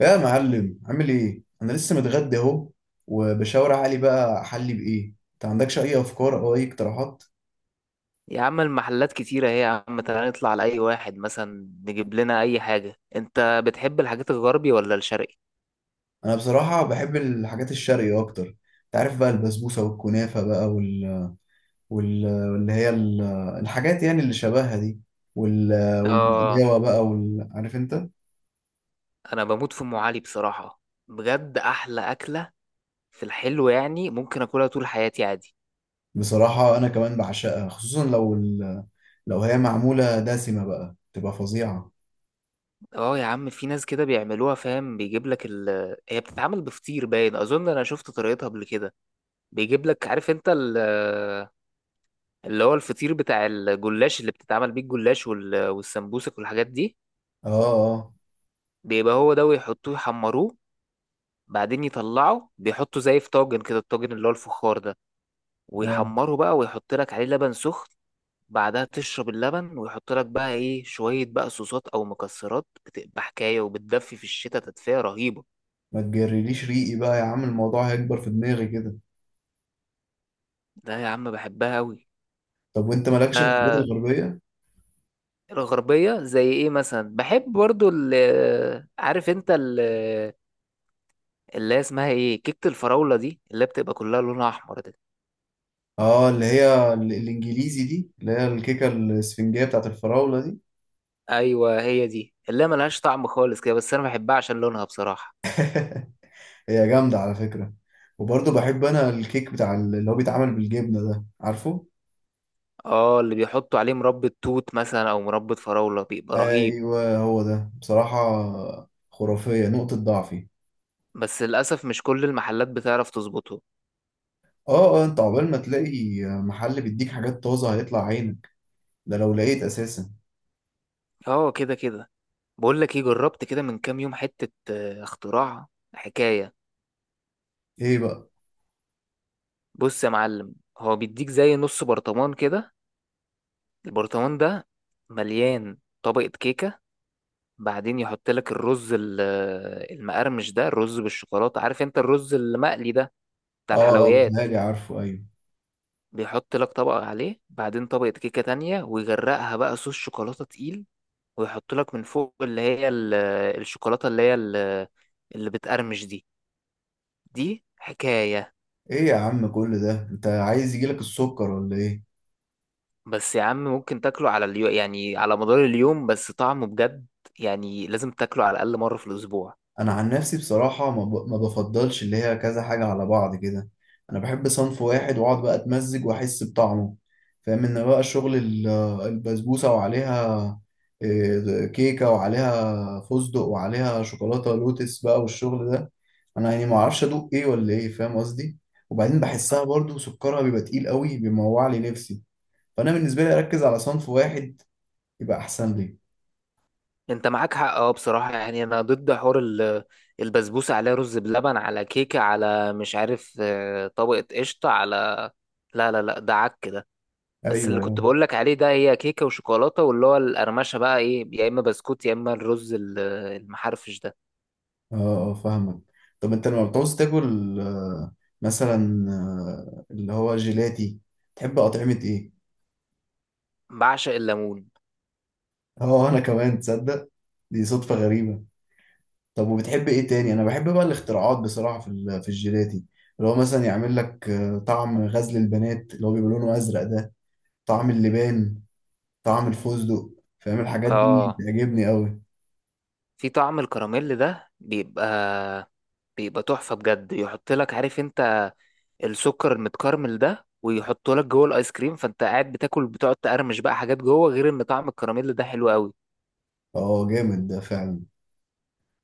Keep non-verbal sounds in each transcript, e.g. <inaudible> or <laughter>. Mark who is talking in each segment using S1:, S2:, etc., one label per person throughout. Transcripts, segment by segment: S1: يا معلم، عامل ايه؟ انا لسه متغدى اهو، وبشاور علي بقى احلي بايه. انت عندكش اي افكار او اي اقتراحات؟
S2: يا عم المحلات كتيرة اهي، يا عم تعالى نطلع لأي واحد مثلا نجيب لنا أي حاجة. أنت بتحب الحاجات الغربي ولا الشرقي؟
S1: انا بصراحه بحب الحاجات الشرقي اكتر. انت عارف بقى البسبوسه والكنافه بقى وال... وال... واللي هي ال... الحاجات يعني اللي شبهها دي وال...
S2: آه.
S1: والبقلاوه بقى عارف انت.
S2: أنا بموت في أم علي بصراحة. بجد أحلى أكلة في الحلو، يعني ممكن أكلها طول حياتي عادي.
S1: بصراحه انا كمان بعشقها، خصوصا لو هي معموله دسمه بقى تبقى فظيعه.
S2: آه يا عم، في ناس كده بيعملوها فاهم، بيجيب لك هي بتتعمل بفطير، باين أظن أنا شفت طريقتها قبل كده. بيجيب لك عارف أنت اللي هو الفطير بتاع الجلاش اللي بتتعمل بيه الجلاش والسمبوسك والحاجات دي.
S1: اه اه
S2: بيبقى هو ده ويحطوه يحمروه، بعدين يطلعه بيحطه زي في طاجن كده، الطاجن اللي هو الفخار ده،
S1: اه.
S2: ويحمره بقى ويحط لك عليه لبن سخن. بعدها تشرب اللبن، ويحط لك بقى ايه شوية بقى صوصات او مكسرات، بتبقى حكاية وبتدفي في الشتاء تدفئة رهيبة.
S1: ما تجرليش ريقي بقى يا عم، الموضوع هيكبر في دماغي كده.
S2: ده يا عم بحبها قوي.
S1: طب وانت
S2: انت
S1: مالكش في الحاجات الغربية؟
S2: الغربية زي ايه مثلا؟ بحب برضو ال آه، عارف انت ال آه، اللي هي اسمها ايه كيكة الفراولة دي اللي بتبقى كلها لونها احمر دي.
S1: اه، اللي هي الانجليزي دي، اللي هي الكيكة الاسفنجية بتاعت الفراولة دي.
S2: ايوه هي دي اللي هي ملهاش طعم خالص كده، بس انا بحبها عشان لونها بصراحة.
S1: هي جامدة على فكرة. وبرضه بحب انا الكيك بتاع اللي هو بيتعمل بالجبنة ده، عارفه؟
S2: اه، اللي بيحطوا عليه مربى توت مثلا او مربى فراولة بيبقى رهيب.
S1: ايوه هو ده، بصراحة خرافية، نقطة ضعفي.
S2: بس للاسف مش كل المحلات بتعرف تظبطه.
S1: اه اه، انت عقبال ما تلاقي محل بيديك حاجات طازة هيطلع عينك، ده لو لقيت اساسا.
S2: اه، كده كده. بقول لك ايه، جربت كده من كام يوم حتة اختراع، حكاية.
S1: ايه بقى؟
S2: بص يا معلم، هو بيديك زي نص برطمان كده، البرطمان ده مليان طبقة كيكة. بعدين يحط لك الرز المقرمش ده، الرز بالشوكولاتة، عارف انت الرز المقلي ده بتاع
S1: اه اه،
S2: الحلويات.
S1: بيتهيألي عارفه، ايوه.
S2: بيحط لك طبقة عليه، بعدين طبقة كيكة تانية، ويغرقها بقى صوص شوكولاتة تقيل. ويحط لك من فوق اللي هي الشوكولاتة اللي بتقرمش دي. دي حكاية.
S1: ايه يا عم، كل ده؟ انت عايز يجيلك السكر ولا ايه؟
S2: بس يا عم ممكن تاكله على اليوم، يعني على مدار اليوم، بس طعمه بجد، يعني لازم تاكله على الأقل مرة في الأسبوع.
S1: انا عن نفسي بصراحه ما بفضلش اللي هي كذا حاجه على بعض كده. انا بحب صنف واحد، واقعد بقى اتمزج واحس بطعمه. فاهم ان بقى شغل البسبوسه وعليها كيكه وعليها فستق وعليها شوكولاته لوتس بقى والشغل ده، انا يعني ما اعرفش ادوق ايه ولا ايه، فاهم قصدي. وبعدين بحسها برضو سكرها بيبقى تقيل قوي، بيموع لي نفسي. فانا بالنسبه لي اركز على صنف واحد، يبقى احسن لي.
S2: انت معاك حق، اه بصراحة، يعني انا ضد حوار البسبوسة عليها رز بلبن على كيكة على مش عارف طبقة قشطة على، لا لا لا ده عك ده. بس اللي
S1: ايوه.
S2: كنت بقول لك عليه ده هي كيكة وشوكولاتة، واللي هو القرمشة بقى ايه، يا اما بسكوت يا اما الرز المحرفش ده.
S1: اه اه، فاهمك. طب انت لما بتعوز تاكل مثلا اللي هو جيلاتي، تحب اطعمة ايه؟
S2: بعشق الليمون.
S1: اه انا كمان، تصدق دي صدفة غريبة. طب وبتحب ايه تاني؟ انا بحب بقى الاختراعات بصراحة في الجيلاتي، اللي هو مثلا يعمل لك طعم غزل البنات اللي هو بيبقى لونه ازرق ده، طعم اللبان، طعم الفستق، فاهم الحاجات دي
S2: اه،
S1: بتعجبني قوي.
S2: في طعم الكراميل ده بيبقى تحفة بجد، يحط لك عارف انت السكر المتكرمل ده، ويحطه لك جوه الايس كريم، فانت قاعد بتاكل بتقعد تقرمش بقى حاجات جوه، غير ان طعم الكراميل ده حلو قوي.
S1: اه، جامد ده فعلا.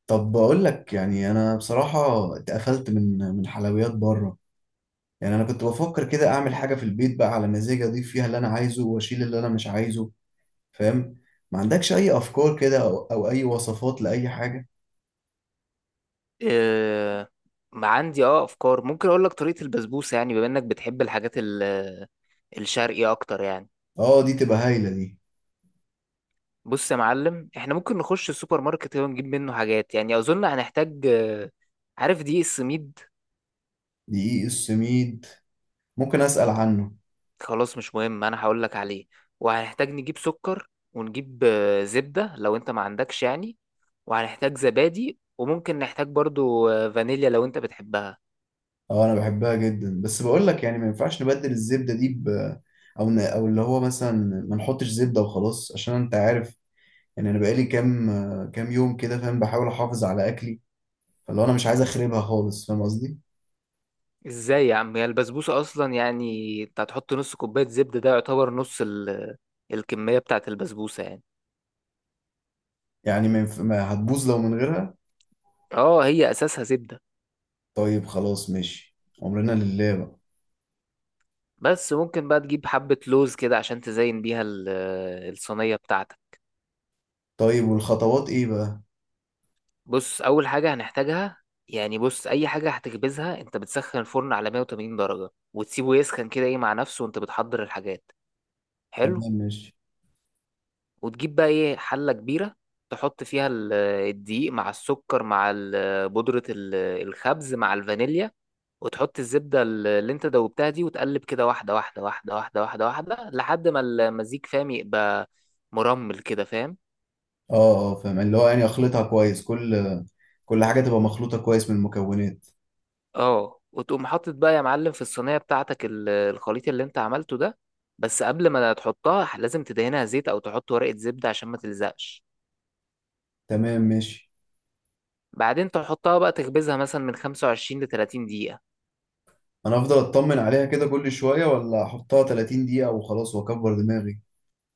S1: طب بقول لك، يعني انا بصراحة اتقفلت من حلويات بره. يعني انا كنت بفكر كده اعمل حاجه في البيت بقى على مزاجي، اضيف فيها اللي انا عايزه واشيل اللي انا مش عايزه، فاهم. ما عندكش اي افكار كده أو اي وصفات لاي حاجه؟
S2: آه، ما عندي افكار، ممكن اقول لك طريقة البسبوسة، يعني بما انك بتحب الحاجات الشرقي اكتر يعني.
S1: اه، دي تبقى هايله دي.
S2: بص يا معلم، احنا ممكن نخش السوبر ماركت ونجيب منه حاجات، يعني اظن هنحتاج عارف دقيق السميد.
S1: دقيق السميد، ممكن اسال عنه.
S2: خلاص مش مهم، انا هقول لك عليه. وهنحتاج نجيب سكر ونجيب زبدة لو انت ما عندكش يعني. وهنحتاج زبادي، وممكن نحتاج برضو فانيليا لو انت بتحبها.
S1: اه انا بحبها جدا، بس بقول لك يعني ما ينفعش نبدل الزبده دي او اللي هو مثلا ما نحطش زبده وخلاص، عشان انت عارف. يعني انا بقالي كام يوم كده، فاهم، بحاول احافظ على اكلي، فاللي هو انا مش عايز اخربها خالص، فاهم قصدي.
S2: ازاي يا عم، هي البسبوسة اصلا، يعني انت هتحط نص كوباية زبدة، ده يعتبر نص الكمية بتاعة البسبوسة يعني.
S1: يعني ما هتبوظ لو من غيرها.
S2: اه هي اساسها زبدة.
S1: طيب خلاص ماشي، أمرنا لله بقى.
S2: بس ممكن بقى تجيب حبة لوز كده، عشان تزين بيها الصينية بتاعتك.
S1: طيب، والخطوات إيه بقى؟
S2: بص اول حاجه هنحتاجها، يعني بص، اي حاجه هتخبزها انت بتسخن الفرن على 180 درجه وتسيبه يسخن كده ايه مع نفسه وانت بتحضر الحاجات. حلو.
S1: تمام ماشي.
S2: وتجيب بقى ايه حله كبيره، تحط فيها الدقيق مع السكر مع بودره الخبز مع الفانيليا. وتحط الزبده اللي انت دوبتها دي، وتقلب كده واحده واحده واحده واحده واحده واحده لحد ما المزيج فاهم يبقى مرمل كده فاهم.
S1: اه اه فاهم، اللي هو يعني أخلطها كويس، كل حاجة تبقى مخلوطة كويس من المكونات.
S2: اه وتقوم حاطط بقى يا معلم في الصينيه بتاعتك الخليط اللي انت عملته ده. بس قبل ما تحطها لازم تدهنها زيت او تحط ورقه زبده عشان ما تلزقش.
S1: تمام ماشي.
S2: بعدين تحطها بقى تخبزها مثلا من 25 ل 30 دقيقه.
S1: أنا أفضل أطمن عليها كده كل شوية، ولا أحطها 30 دقيقة وخلاص وأكبر دماغي؟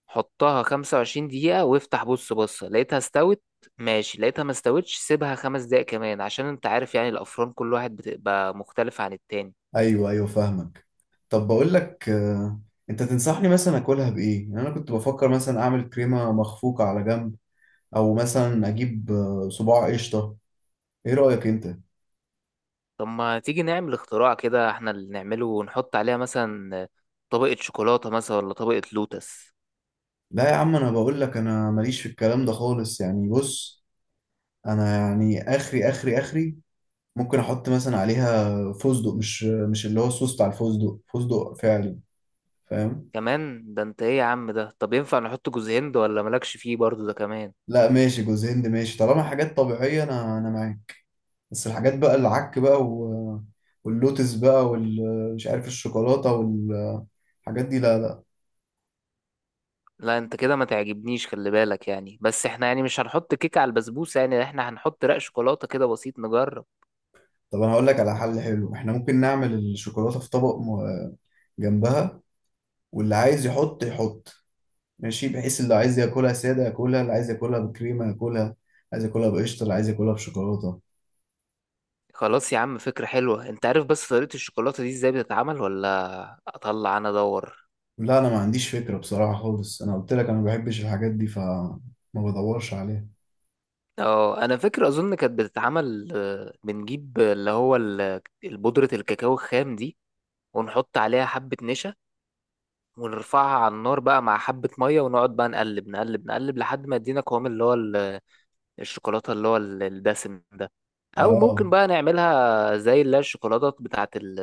S2: حطها 25 دقيقه وافتح بص لقيتها استوت، ماشي. لقيتها ما استوتش سيبها 5 دقايق كمان، عشان انت عارف يعني الافران كل واحد بتبقى مختلفه عن التاني.
S1: أيوه أيوه فاهمك. طب بقول لك أنت تنصحني مثلا أكلها بإيه؟ يعني أنا كنت بفكر مثلا أعمل كريمة مخفوقة على جنب، أو مثلا أجيب صباع قشطة. إيه رأيك أنت؟
S2: طب ما تيجي نعمل اختراع كده احنا اللي نعمله، ونحط عليها مثلا طبقه شوكولاته مثلا ولا طبقه لوتس.
S1: لا يا عم، انا بقول لك انا ماليش في الكلام ده خالص، يعني بص، انا يعني اخري اخري اخري، ممكن احط مثلا عليها فستق، مش اللي هو الصوص بتاع الفستق، فستق فعلي، فاهم.
S2: كمان ده انت ايه يا عم ده، طب ينفع نحط جوز هند ولا مالكش فيه برضو ده كمان.
S1: لا ماشي، جوز هند ماشي طالما حاجات طبيعية، انا معاك. بس الحاجات بقى العك بقى واللوتس بقى والمش عارف الشوكولاتة والحاجات دي، لا لا.
S2: لا انت كده ما تعجبنيش، خلي بالك يعني، بس احنا يعني مش هنحط كيك على البسبوسة، يعني احنا هنحط رق شوكولاتة كده بسيط نجرب.
S1: طب انا هقول لك على حل حلو، احنا ممكن نعمل الشوكولاتة في طبق جنبها، واللي عايز يحط يحط، ماشي، بحيث اللي عايز ياكلها ساده ياكلها، اللي عايز ياكلها بكريمه ياكلها، عايز ياكلها بقشطه، اللي عايز ياكلها بشوكولاته.
S2: خلاص يا عم فكرة حلوة، انت عارف بس طريقة الشوكولاتة دي ازاي بتتعمل، ولا اطلع انا ادور؟
S1: لا انا ما عنديش فكره بصراحه خالص، انا قلت لك انا ما بحبش الحاجات دي فما بدورش عليها.
S2: اه انا فاكر، اظن كانت بتتعمل بنجيب اللي هو البودرة الكاكاو الخام دي، ونحط عليها حبة نشا، ونرفعها على النار بقى مع حبة مية، ونقعد بقى نقلب نقلب نقلب لحد ما يدينا قوام اللي هو الشوكولاتة اللي هو الدسم ده. أو ممكن
S1: اه،
S2: بقى نعملها زي اللي هي الشوكولاتة بتاعة ال-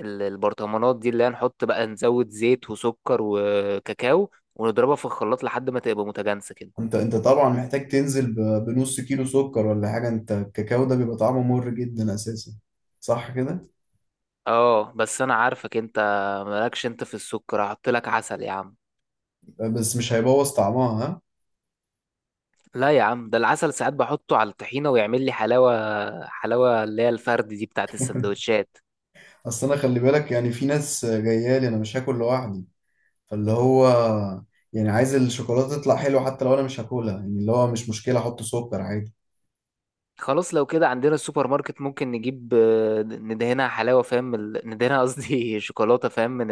S2: ال- البرطمانات دي، اللي هي نحط بقى نزود زيت وسكر وكاكاو ونضربها في الخلاط لحد ما تبقى متجانسة كده.
S1: انت طبعا محتاج تنزل بنص كيلو سكر ولا حاجه، انت الكاكاو ده بيبقى طعمه مر جدا اساسا، صح كده؟
S2: اه بس أنا عارفك أنت، مالكش أنت في السكر، هحط لك عسل يا عم.
S1: بس مش هيبوظ طعمها ها؟
S2: لا يا عم، ده العسل ساعات بحطه على الطحينة ويعمل لي حلاوة، حلاوة اللي هي الفرد دي بتاعة
S1: <laughs>
S2: السندوتشات.
S1: اصل انا، خلي بالك، يعني في ناس جايه لي، انا مش هاكل لوحدي، فاللي هو يعني عايز الشوكولاتة تطلع حلوة، حتى لو أنا مش هاكلها، يعني اللي هو مش مشكلة أحط سكر عادي.
S2: خلاص لو كده، عندنا السوبر ماركت ممكن نجيب ندهنها حلاوة فاهم من ندهنها قصدي <laughs> شوكولاتة فاهم من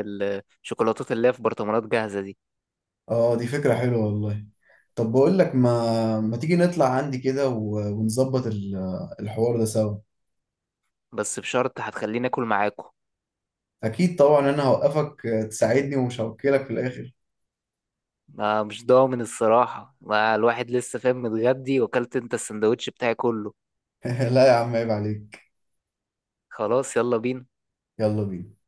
S2: الشوكولاتات <laughs> اللي هي في برطمانات جاهزة دي.
S1: اه، دي فكرة حلوة والله. طب بقول لك، ما تيجي نطلع عندي كده ونظبط الحوار ده سوا.
S2: بس بشرط هتخليني آكل معاكم.
S1: أكيد طبعا، أنا هوقفك تساعدني ومش هوكلك في الآخر.
S2: ما مش ضامن الصراحة، ما الواحد لسه فاهم متغدي وأكلت أنت السندوتش بتاعي كله.
S1: <laughs> لا يا عم، عيب عليك.
S2: خلاص يلا بينا.
S1: يلا بينا.